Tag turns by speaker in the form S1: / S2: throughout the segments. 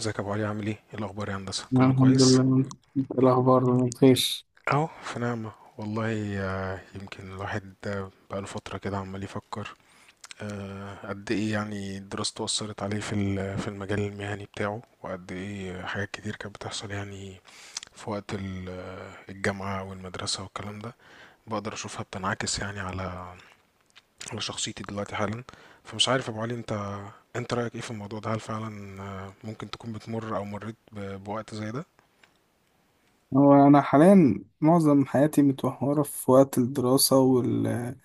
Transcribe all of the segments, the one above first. S1: ازيك يا ابو علي؟ عامل ايه الاخبار يا هندسه؟
S2: أنا
S1: كله
S2: الحمد
S1: كويس؟
S2: لله. انت إيه الاخبار؟ بخير.
S1: اهو في نعمه. والله يمكن الواحد بقاله فتره كده عمال يفكر قد ايه يعني دراسته اثرت عليه في المجال المهني بتاعه، وقد ايه حاجات كتير كانت بتحصل، يعني في وقت الجامعه والمدرسه والكلام ده. بقدر اشوفها بتنعكس يعني على شخصيتي دلوقتي حالا. فمش عارف يا ابو علي، انت رايك ايه في الموضوع ده؟ هل فعلا ممكن تكون بتمر او مريت بوقت زي ده؟
S2: هو انا حاليا معظم حياتي متوهره في وقت الدراسه والكليه،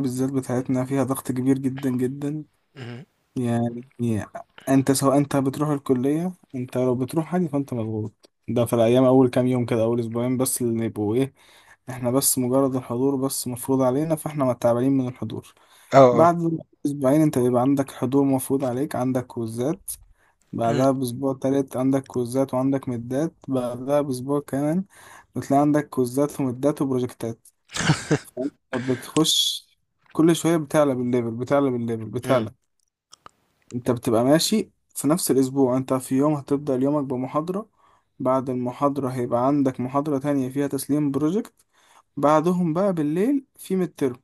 S2: بالذات بتاعتنا فيها ضغط كبير جدا جدا.
S1: مهم.
S2: يعني انت سواء انت بتروح الكليه، انت لو بتروح حاجه فانت مضغوط. ده في الايام اول كام يوم كده، اول اسبوعين بس اللي يبقوا ايه، احنا بس مجرد الحضور بس مفروض علينا فاحنا تعبانين من الحضور.
S1: اه.
S2: بعد اسبوعين انت بيبقى عندك حضور مفروض عليك، عندك كوزات.
S1: مم.
S2: بعدها بأسبوع تالت عندك كوزات وعندك مدات. بعدها بأسبوع كمان بتلاقي عندك كوزات ومدات وبروجكتات. فأنت بتخش كل شوية بتعلى بالليفل، بتعلى بالليفل،
S1: مم.
S2: بتعلى. انت بتبقى ماشي في نفس الأسبوع، انت في يوم هتبدأ يومك بمحاضرة، بعد المحاضرة هيبقى عندك محاضرة تانية فيها تسليم بروجكت، بعدهم بقى بالليل في مترم.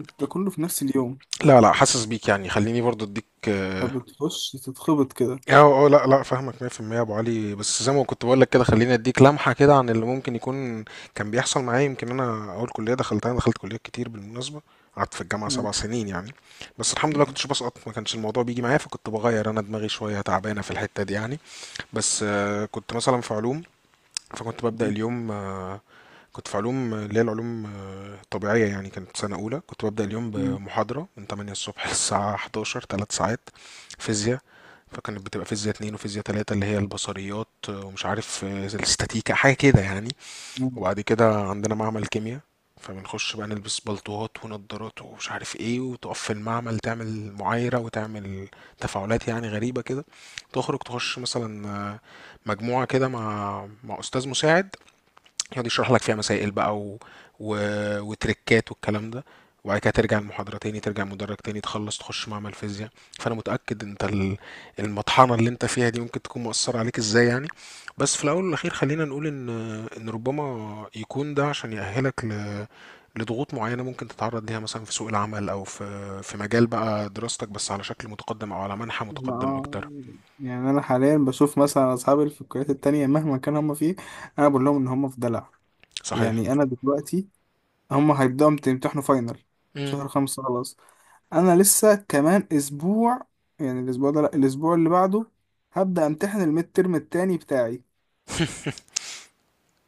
S2: انت ده كله في نفس اليوم.
S1: لا لا، حاسس بيك، يعني خليني برضو اديك. اه.
S2: انت بتخش تتخبط كده.
S1: اه لا لا، فاهمك 100% يا ابو علي، بس زي ما كنت بقول لك كده خليني اديك لمحه كده عن اللي ممكن يكون كان بيحصل معايا. يمكن انا اول كليه دخلتها، أنا دخلت كليات كتير بالمناسبه، قعدت في الجامعه 7 سنين يعني. بس الحمد لله كنتش بسقط، ما كانش الموضوع بيجي معايا، فكنت بغير انا دماغي، شويه تعبانه في الحته دي يعني. بس كنت مثلا في علوم، فكنت ببدأ اليوم كنت في علوم اللي هي العلوم الطبيعية، يعني كانت سنة أولى. كنت ببدأ اليوم
S2: مم.
S1: بمحاضرة من 8 الصبح للساعة 11، 3 ساعات فيزياء. فكانت بتبقى فيزياء 2 وفيزياء 3، اللي هي البصريات ومش عارف الاستاتيكا حاجة كده يعني. وبعد كده عندنا معمل كيمياء، فبنخش بقى نلبس بلطوات ونضارات ومش عارف ايه، وتقف في المعمل تعمل معايرة وتعمل تفاعلات يعني غريبة كده. تخرج تخش مثلا مجموعة كده مع أستاذ مساعد يقعد يشرح لك فيها مسائل بقى و... وتريكات والكلام ده. وبعد كده ترجع المحاضرة تاني، ترجع المدرج تاني، تخلص تخش معمل فيزياء. فأنا متأكد أنت المطحنة اللي أنت فيها دي ممكن تكون مؤثرة عليك إزاي يعني. بس في الأول والأخير، خلينا نقول إن ربما يكون ده عشان يأهلك لضغوط معينة ممكن تتعرض ليها مثلا في سوق العمل، أو في مجال بقى دراستك، بس على شكل متقدم أو على منحى متقدم
S2: آه،
S1: أكتر.
S2: يعني انا حاليا بشوف مثلا اصحابي اللي في الكليات التانية مهما كان هم فيه، انا بقول لهم ان هم في دلع.
S1: صحيح.
S2: يعني انا دلوقتي هم هيبداوا يمتحنوا فاينل
S1: مم.
S2: شهر خمسة خلاص. انا لسه كمان اسبوع، يعني الاسبوع ده، لا الاسبوع اللي بعده هبدا امتحن الميد ترم التاني بتاعي.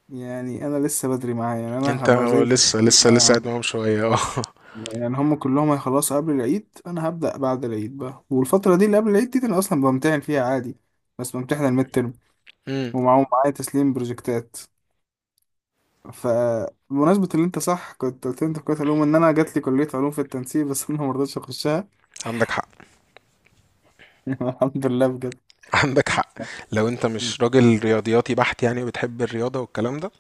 S2: يعني انا لسه بدري معايا، يعني انا
S1: أنت
S2: هبقى زي
S1: لسه
S2: في
S1: لسه
S2: ثانوية
S1: لسه قاعد
S2: عامة.
S1: معاهم شوية. اه.
S2: يعني هم كلهم هيخلصوا قبل العيد، انا هبدا بعد العيد بقى، والفترة دي اللي قبل العيد دي انا اصلا بمتحن فيها عادي، بس بمتحن الميد ترم
S1: مم.
S2: ومعاهم معايا تسليم بروجكتات. فبمناسبة اللي انت صح كنت قلت لي انت في كلية علوم، ان انا جات لي كلية علوم في التنسيق بس انا مرضتش اخشها.
S1: عندك حق.
S2: الحمد لله بجد.
S1: عندك حق. لو انت مش راجل رياضياتي بحت يعني، وبتحب الرياضه والكلام ده،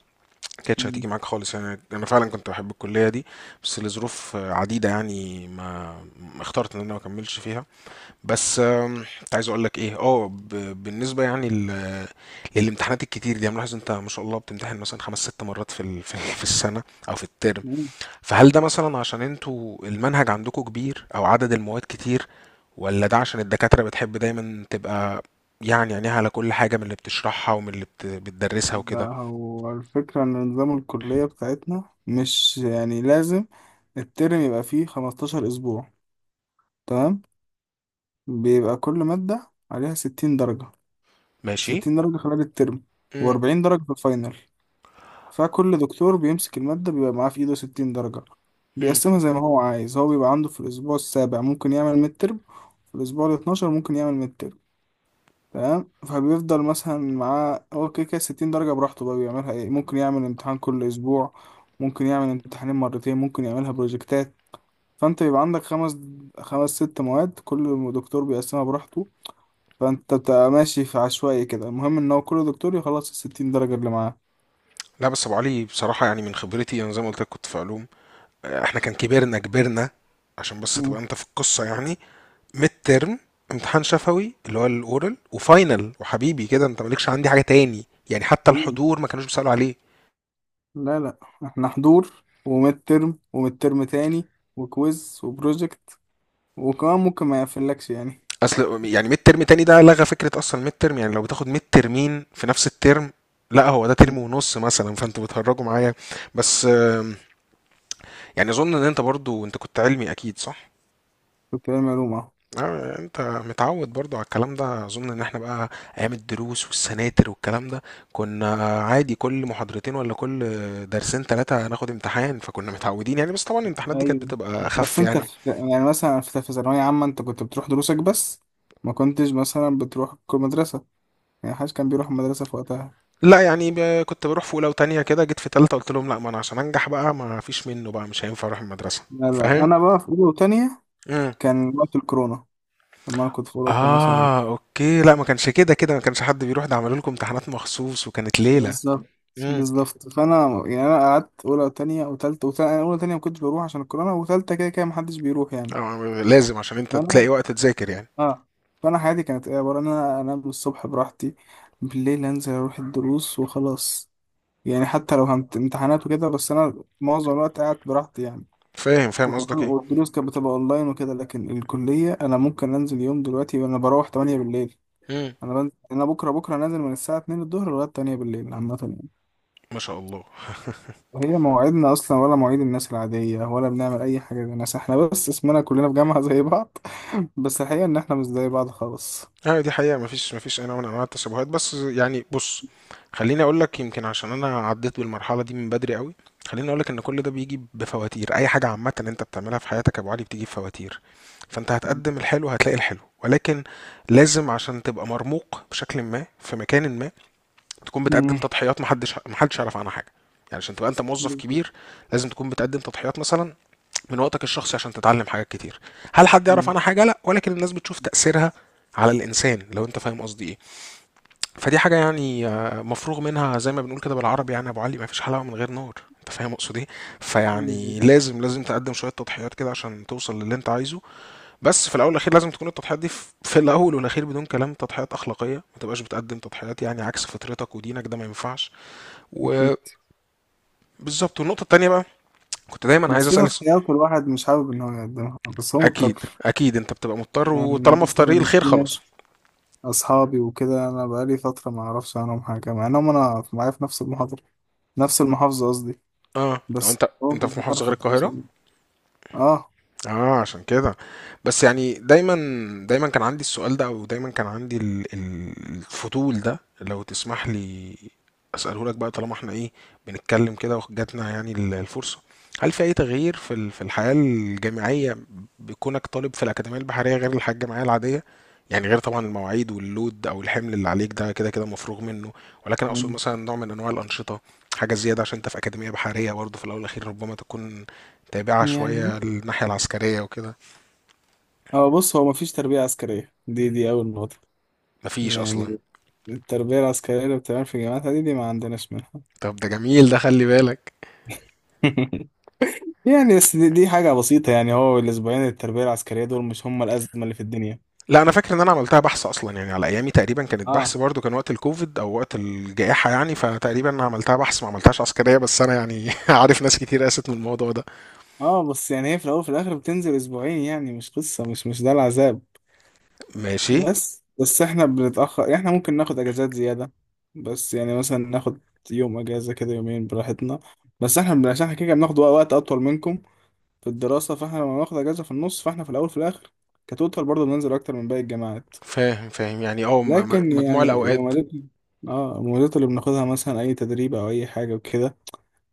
S1: ما كانتش هتيجي معاك خالص، يعني انا فعلا كنت بحب الكليه دي، بس لظروف عديده يعني ما اخترت ان انا ما اكملش فيها. بس كنت عايز اقول لك ايه، اه بالنسبه يعني للامتحانات الكتير دي، انا ملاحظ انت ما شاء الله بتمتحن مثلا خمس ست مرات في السنه، او في الترم. فهل ده مثلا عشان انتوا المنهج عندكم كبير، او عدد المواد كتير، ولا ده عشان الدكاترة بتحب دايما تبقى يعني عينيها على كل حاجة من اللي بتشرحها، ومن اللي بتدرسها
S2: لا
S1: وكده؟
S2: هو الفكرة ان نظام الكلية بتاعتنا مش يعني لازم الترم يبقى فيه 15 اسبوع، تمام؟ بيبقى كل مادة عليها 60 درجة،
S1: ماشي.
S2: 60 درجة خلال الترم
S1: امم.
S2: و40 درجة في الفاينل. فكل دكتور بيمسك المادة بيبقى معاه في إيده ستين درجة،
S1: امم.
S2: بيقسمها زي ما هو عايز. هو بيبقى عنده في الأسبوع السابع ممكن يعمل ميد ترم، في الأسبوع الاتناشر ممكن يعمل ميد ترم، تمام؟ فبيفضل مثلا معاه هو كده كده ستين درجة براحته، بقى بيعملها إيه؟ ممكن يعمل امتحان كل أسبوع، ممكن يعمل امتحانين مرتين، ممكن يعملها بروجكتات. فأنت بيبقى عندك خمس ست مواد، كل دكتور بيقسمها براحته. فأنت بتبقى ماشي في عشوائي كده، المهم إن هو كل دكتور يخلص الستين درجة اللي معاه.
S1: لا بس ابو علي، بصراحة يعني من خبرتي انا زي ما قلت لك كنت في علوم، احنا كان كبرنا، عشان بس تبقى انت في القصة يعني: ميد ترم، امتحان شفوي اللي هو الاورال، وفاينل، وحبيبي كده انت مالكش عندي حاجة تاني يعني، حتى
S2: مم.
S1: الحضور ما كانوش بيسألوا عليه.
S2: لا لا، احنا حضور وميد ترم وميد ترم تاني وكويز وبروجكت، وكمان ممكن ما يقفلكش يعني.
S1: اصل يعني ميد ترم تاني ده لغى فكره اصلا ميد ترم، يعني لو بتاخد ميد ترمين في نفس الترم، لا هو ده ترم ونص مثلا، فانتوا بتهرجوا معايا. بس يعني اظن ان انت برضو، انت كنت علمي اكيد صح؟
S2: كنت بعمل معلومة أهو.
S1: انت متعود برضو على الكلام ده. اظن ان احنا بقى ايام الدروس والسناتر والكلام ده كنا عادي كل محاضرتين، ولا كل درسين ثلاثة هناخد امتحان، فكنا متعودين يعني، بس طبعا الامتحانات دي كانت
S2: ايوه
S1: بتبقى
S2: بس
S1: اخف
S2: انت
S1: يعني.
S2: في، يعني مثلا في، في ثانوية عامة انت كنت بتروح دروسك بس، ما كنتش مثلا بتروح كل مدرسة، يعني محدش كان بيروح المدرسة في وقتها.
S1: لا يعني كنت بروح في اولى وتانية كده، جيت في تالتة قلت لهم لا، ما انا عشان انجح بقى ما فيش منه بقى، مش هينفع اروح المدرسة.
S2: لا لا
S1: فاهم.
S2: انا بقى في اولى وتانية
S1: امم.
S2: كان وقت الكورونا. لما انا كنت في اولى وتانية ثانوي.
S1: اه اوكي، لا ما كانش كده كده ما كانش حد بيروح، ده عملوا لكم امتحانات مخصوص وكانت ليلة.
S2: بالظبط.
S1: امم.
S2: بالظبط. فانا يعني انا قعدت اولى وتانية وتالتة، وتالتة اولى وتانية ما كنتش بروح عشان الكورونا، وتالتة كده كده محدش بيروح يعني.
S1: آه لازم، عشان انت
S2: فانا،
S1: تلاقي وقت تذاكر يعني.
S2: اه، فانا حياتي كانت ايه؟ عباره ان انا انام الصبح براحتي، بالليل انزل اروح الدروس وخلاص. يعني حتى لو امتحانات وكده بس انا معظم الوقت قاعد براحتي يعني.
S1: فاهم فاهم
S2: وكمان
S1: قصدك ايه.
S2: والدروس كانت بتبقى اونلاين وكده، لكن الكليه انا ممكن انزل يوم دلوقتي وانا بروح 8 بالليل.
S1: امم.
S2: انا بنزل، انا بكره بكره نازل من الساعه 2 الظهر لغايه 8 بالليل عامه يعني.
S1: ما شاء الله.
S2: وهي مواعيدنا اصلا ولا مواعيد الناس العاديه، ولا بنعمل اي حاجه زي الناس، احنا بس اسمنا كلنا في جامعه زي بعض. بس الحقيقه ان احنا مش زي بعض خالص.
S1: اه دي حقيقة، مفيش أي نوع من أنواع التشابهات، بس يعني بص، خليني أقول لك يمكن عشان أنا عديت بالمرحلة دي من بدري قوي، خليني أقول لك إن كل ده بيجي بفواتير. أي حاجة عامة أنت بتعملها في حياتك يا أبو علي بتيجي بفواتير. فأنت هتقدم الحلو، هتلاقي الحلو، ولكن لازم عشان تبقى مرموق بشكل ما في مكان ما، تكون بتقدم
S2: مم.
S1: تضحيات محدش يعرف عنها حاجة. يعني عشان تبقى أنت موظف
S2: بالظبط.
S1: كبير، لازم تكون بتقدم تضحيات مثلا من وقتك الشخصي عشان تتعلم حاجات كتير. هل حد يعرف
S2: آه،
S1: عنها حاجه؟ لا، ولكن الناس بتشوف تاثيرها على الانسان، لو انت فاهم قصدي ايه. فدي حاجه يعني مفروغ منها، زي ما بنقول كده بالعربي يعني، ابو علي، ما فيش حلاوه من غير نار. انت فاهم اقصد ايه؟
S2: بالظبط.
S1: فيعني لازم تقدم شويه تضحيات كده عشان توصل للي انت عايزه. بس في الاول والاخير لازم تكون التضحيات دي في الاول والاخير، بدون كلام، تضحيات اخلاقيه، ما تبقاش بتقدم تضحيات يعني عكس فطرتك ودينك، ده ما ينفعش.
S2: أكيد.
S1: وبالظبط. والنقطه التانيه بقى، كنت دايما عايز
S2: بس في
S1: اسال.
S2: تضحيات الواحد مش حابب إن هو يقدمها بس هو
S1: اكيد
S2: مضطر.
S1: اكيد انت بتبقى مضطر،
S2: يعني
S1: وطالما في طريق
S2: مثلا
S1: الخير
S2: في
S1: خلاص.
S2: ناس، أصحابي وكده، أنا بقالي فترة ما أعرفش عنهم حاجة مع إنهم أنا معايا في نفس المحاضرة، نفس المحافظة قصدي،
S1: اه، لو
S2: بس
S1: انت،
S2: هو
S1: انت
S2: مش
S1: في محافظة
S2: بعرف
S1: غير القاهرة.
S2: أتواصل. آه.
S1: اه عشان كده. بس يعني دايما، دايما كان عندي السؤال ده، او دايما كان عندي الفضول ده، لو تسمح لي اساله لك بقى، طالما احنا ايه بنتكلم كده وجاتنا يعني الفرصه. هل في اي تغيير في الحياه الجامعيه بكونك طالب في الاكاديميه البحريه، غير الحياه الجامعيه العاديه؟ يعني غير طبعا المواعيد واللود او الحمل اللي عليك، ده كده كده مفروغ منه، ولكن اقصد
S2: يعني
S1: مثلا نوع من انواع الانشطه، حاجه زياده، عشان انت في اكاديميه بحريه برضه، في الاول والاخير ربما تكون تابعة
S2: يعني
S1: شوية الناحية العسكرية وكده.
S2: هو، بص، هو مفيش تربية عسكرية، دي أول نقطة.
S1: مفيش أصلا؟
S2: يعني التربية العسكرية اللي بتتعمل في جامعات دي، ما عندناش منها.
S1: طب ده جميل، ده خلي بالك.
S2: يعني بس دي حاجة بسيطة، يعني هو الأسبوعين التربية العسكرية دول مش هم الأزمة اللي في الدنيا.
S1: لا أنا فاكر إن أنا عملتها بحث أصلا، يعني على أيامي تقريبا كانت بحث
S2: اه.
S1: برضو، كان وقت الكوفيد أو وقت الجائحة يعني، فتقريبا أنا عملتها بحث ما عملتهاش عسكرية، بس أنا يعني عارف ناس كتير قاست من الموضوع ده.
S2: اه بس يعني هي في الاول وفي الاخر بتنزل اسبوعين، يعني مش قصه، مش ده العذاب.
S1: ماشي.
S2: بس احنا بنتاخر، يعني احنا ممكن ناخد اجازات زياده. بس يعني مثلا ناخد يوم اجازه كده، يومين براحتنا. بس احنا عشان احنا كده بناخد وقت اطول منكم في الدراسه، فاحنا لما بناخد اجازه في النص فاحنا في الاول وفي الاخر كتوتال برضه بننزل اكتر من باقي الجامعات.
S1: فاهم فاهم، يعني اه
S2: لكن
S1: مجموع
S2: يعني
S1: الأوقات.
S2: المميزات، اه المميزات اللي بناخدها مثلا اي تدريب او اي حاجه وكده،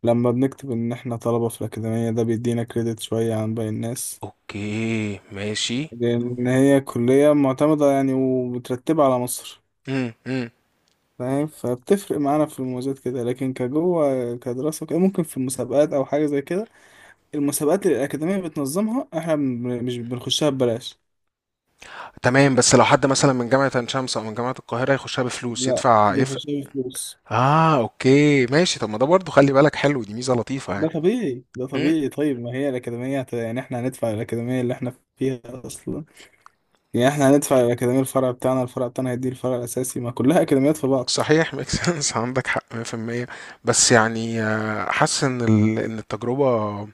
S2: لما بنكتب ان احنا طلبه في الاكاديميه ده بيدينا كريدت شويه عن باقي الناس،
S1: أوكي ماشي.
S2: لأن هي كلية معتمدة يعني ومترتبة على مصر.
S1: امم. امم.
S2: فاهم؟ فبتفرق معانا في المميزات كده، لكن كجوه كدراسة وكده، ممكن في المسابقات أو حاجة زي كده، المسابقات اللي الأكاديمية بتنظمها إحنا مش بنخشها ببلاش.
S1: تمام، بس لو حد مثلا من جامعة عين شمس أو من جامعة القاهرة يخشها بفلوس،
S2: لا
S1: يدفع إيه
S2: بيخشها بفلوس.
S1: اه. اوكي ماشي، طب ما ده برضه خلي بالك حلو، دي ميزه لطيفه
S2: ده
S1: يعني.
S2: طبيعي، ده
S1: مم.
S2: طبيعي. طيب، ما هي الأكاديمية يعني إحنا هندفع الأكاديمية اللي إحنا فيها أصلا. يعني إحنا هندفع الأكاديمية، الفرع بتاعنا، الفرع بتاعنا هيدي الفرع الأساسي، ما كلها أكاديميات في بعض.
S1: صحيح، ميك سنس. عندك حق 100%. بس يعني حاسس ان ان التجربه،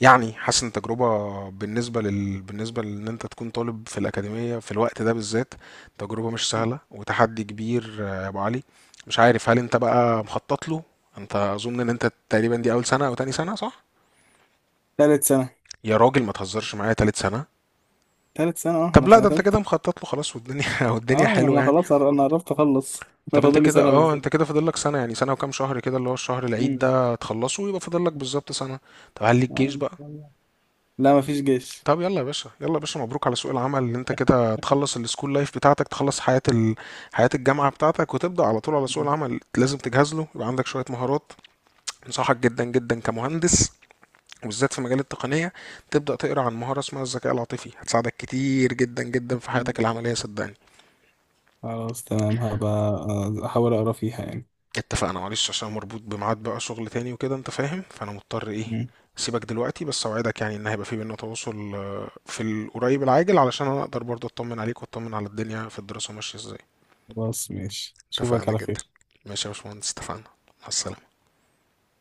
S1: يعني حاسس ان التجربه بالنسبه لل، بالنسبه لان انت تكون طالب في الاكاديميه في الوقت ده بالذات، تجربه مش سهله وتحدي كبير يا ابو علي. مش عارف هل انت بقى مخطط له؟ انت اظن ان انت تقريبا دي اول سنه او تاني سنه، صح؟
S2: تالت سنة.
S1: يا راجل ما تهزرش معايا، تالت سنه؟
S2: تالت سنة، اه
S1: طب
S2: أنا
S1: لا،
S2: سنة
S1: ده انت
S2: تالتة.
S1: كده مخطط له خلاص، والدنيا والدنيا
S2: اه انا،
S1: حلوه يعني.
S2: انا عرفت اخلص. انا
S1: طب انت
S2: فاضل لي
S1: كده،
S2: سنه
S1: اه انت
S2: بالظبط.
S1: كده فاضل لك سنة، يعني سنة وكام شهر كده، اللي هو الشهر العيد
S2: مم.
S1: ده تخلصه ويبقى فاضل لك بالظبط سنة. طب هل ليك
S2: آه،
S1: جيش
S2: إن
S1: بقى؟
S2: شاء الله. لا مفيش جيش.
S1: طب يلا يا باشا، يلا يا باشا، مبروك على سوق العمل، اللي انت كده تخلص السكول لايف بتاعتك، تخلص حياة حياة الجامعة بتاعتك، وتبدأ على طول على سوق
S2: مم.
S1: العمل. لازم تجهز له، يبقى عندك شوية مهارات. انصحك جدا جدا كمهندس، وبالذات في مجال التقنية، تبدأ تقرأ عن مهارة اسمها الذكاء العاطفي، هتساعدك كتير جدا جدا في
S2: مم.
S1: حياتك العملية صدقني.
S2: خلاص تمام، هبقى احاول اقرا فيها يعني.
S1: اتفقنا؟ معلش عشان مربوط بميعاد بقى شغل تاني وكده، انت فاهم، فانا مضطر ايه
S2: مم.
S1: سيبك دلوقتي، بس اوعدك يعني ان هيبقى في بينا تواصل في القريب العاجل، علشان انا اقدر برضه اطمن عليك واطمن على الدنيا، في الدراسة ماشية ازاي.
S2: خلاص ماشي، اشوفك
S1: اتفقنا
S2: على
S1: جدا.
S2: خير.
S1: ماشي يا باشمهندس، اتفقنا. مع السلامة.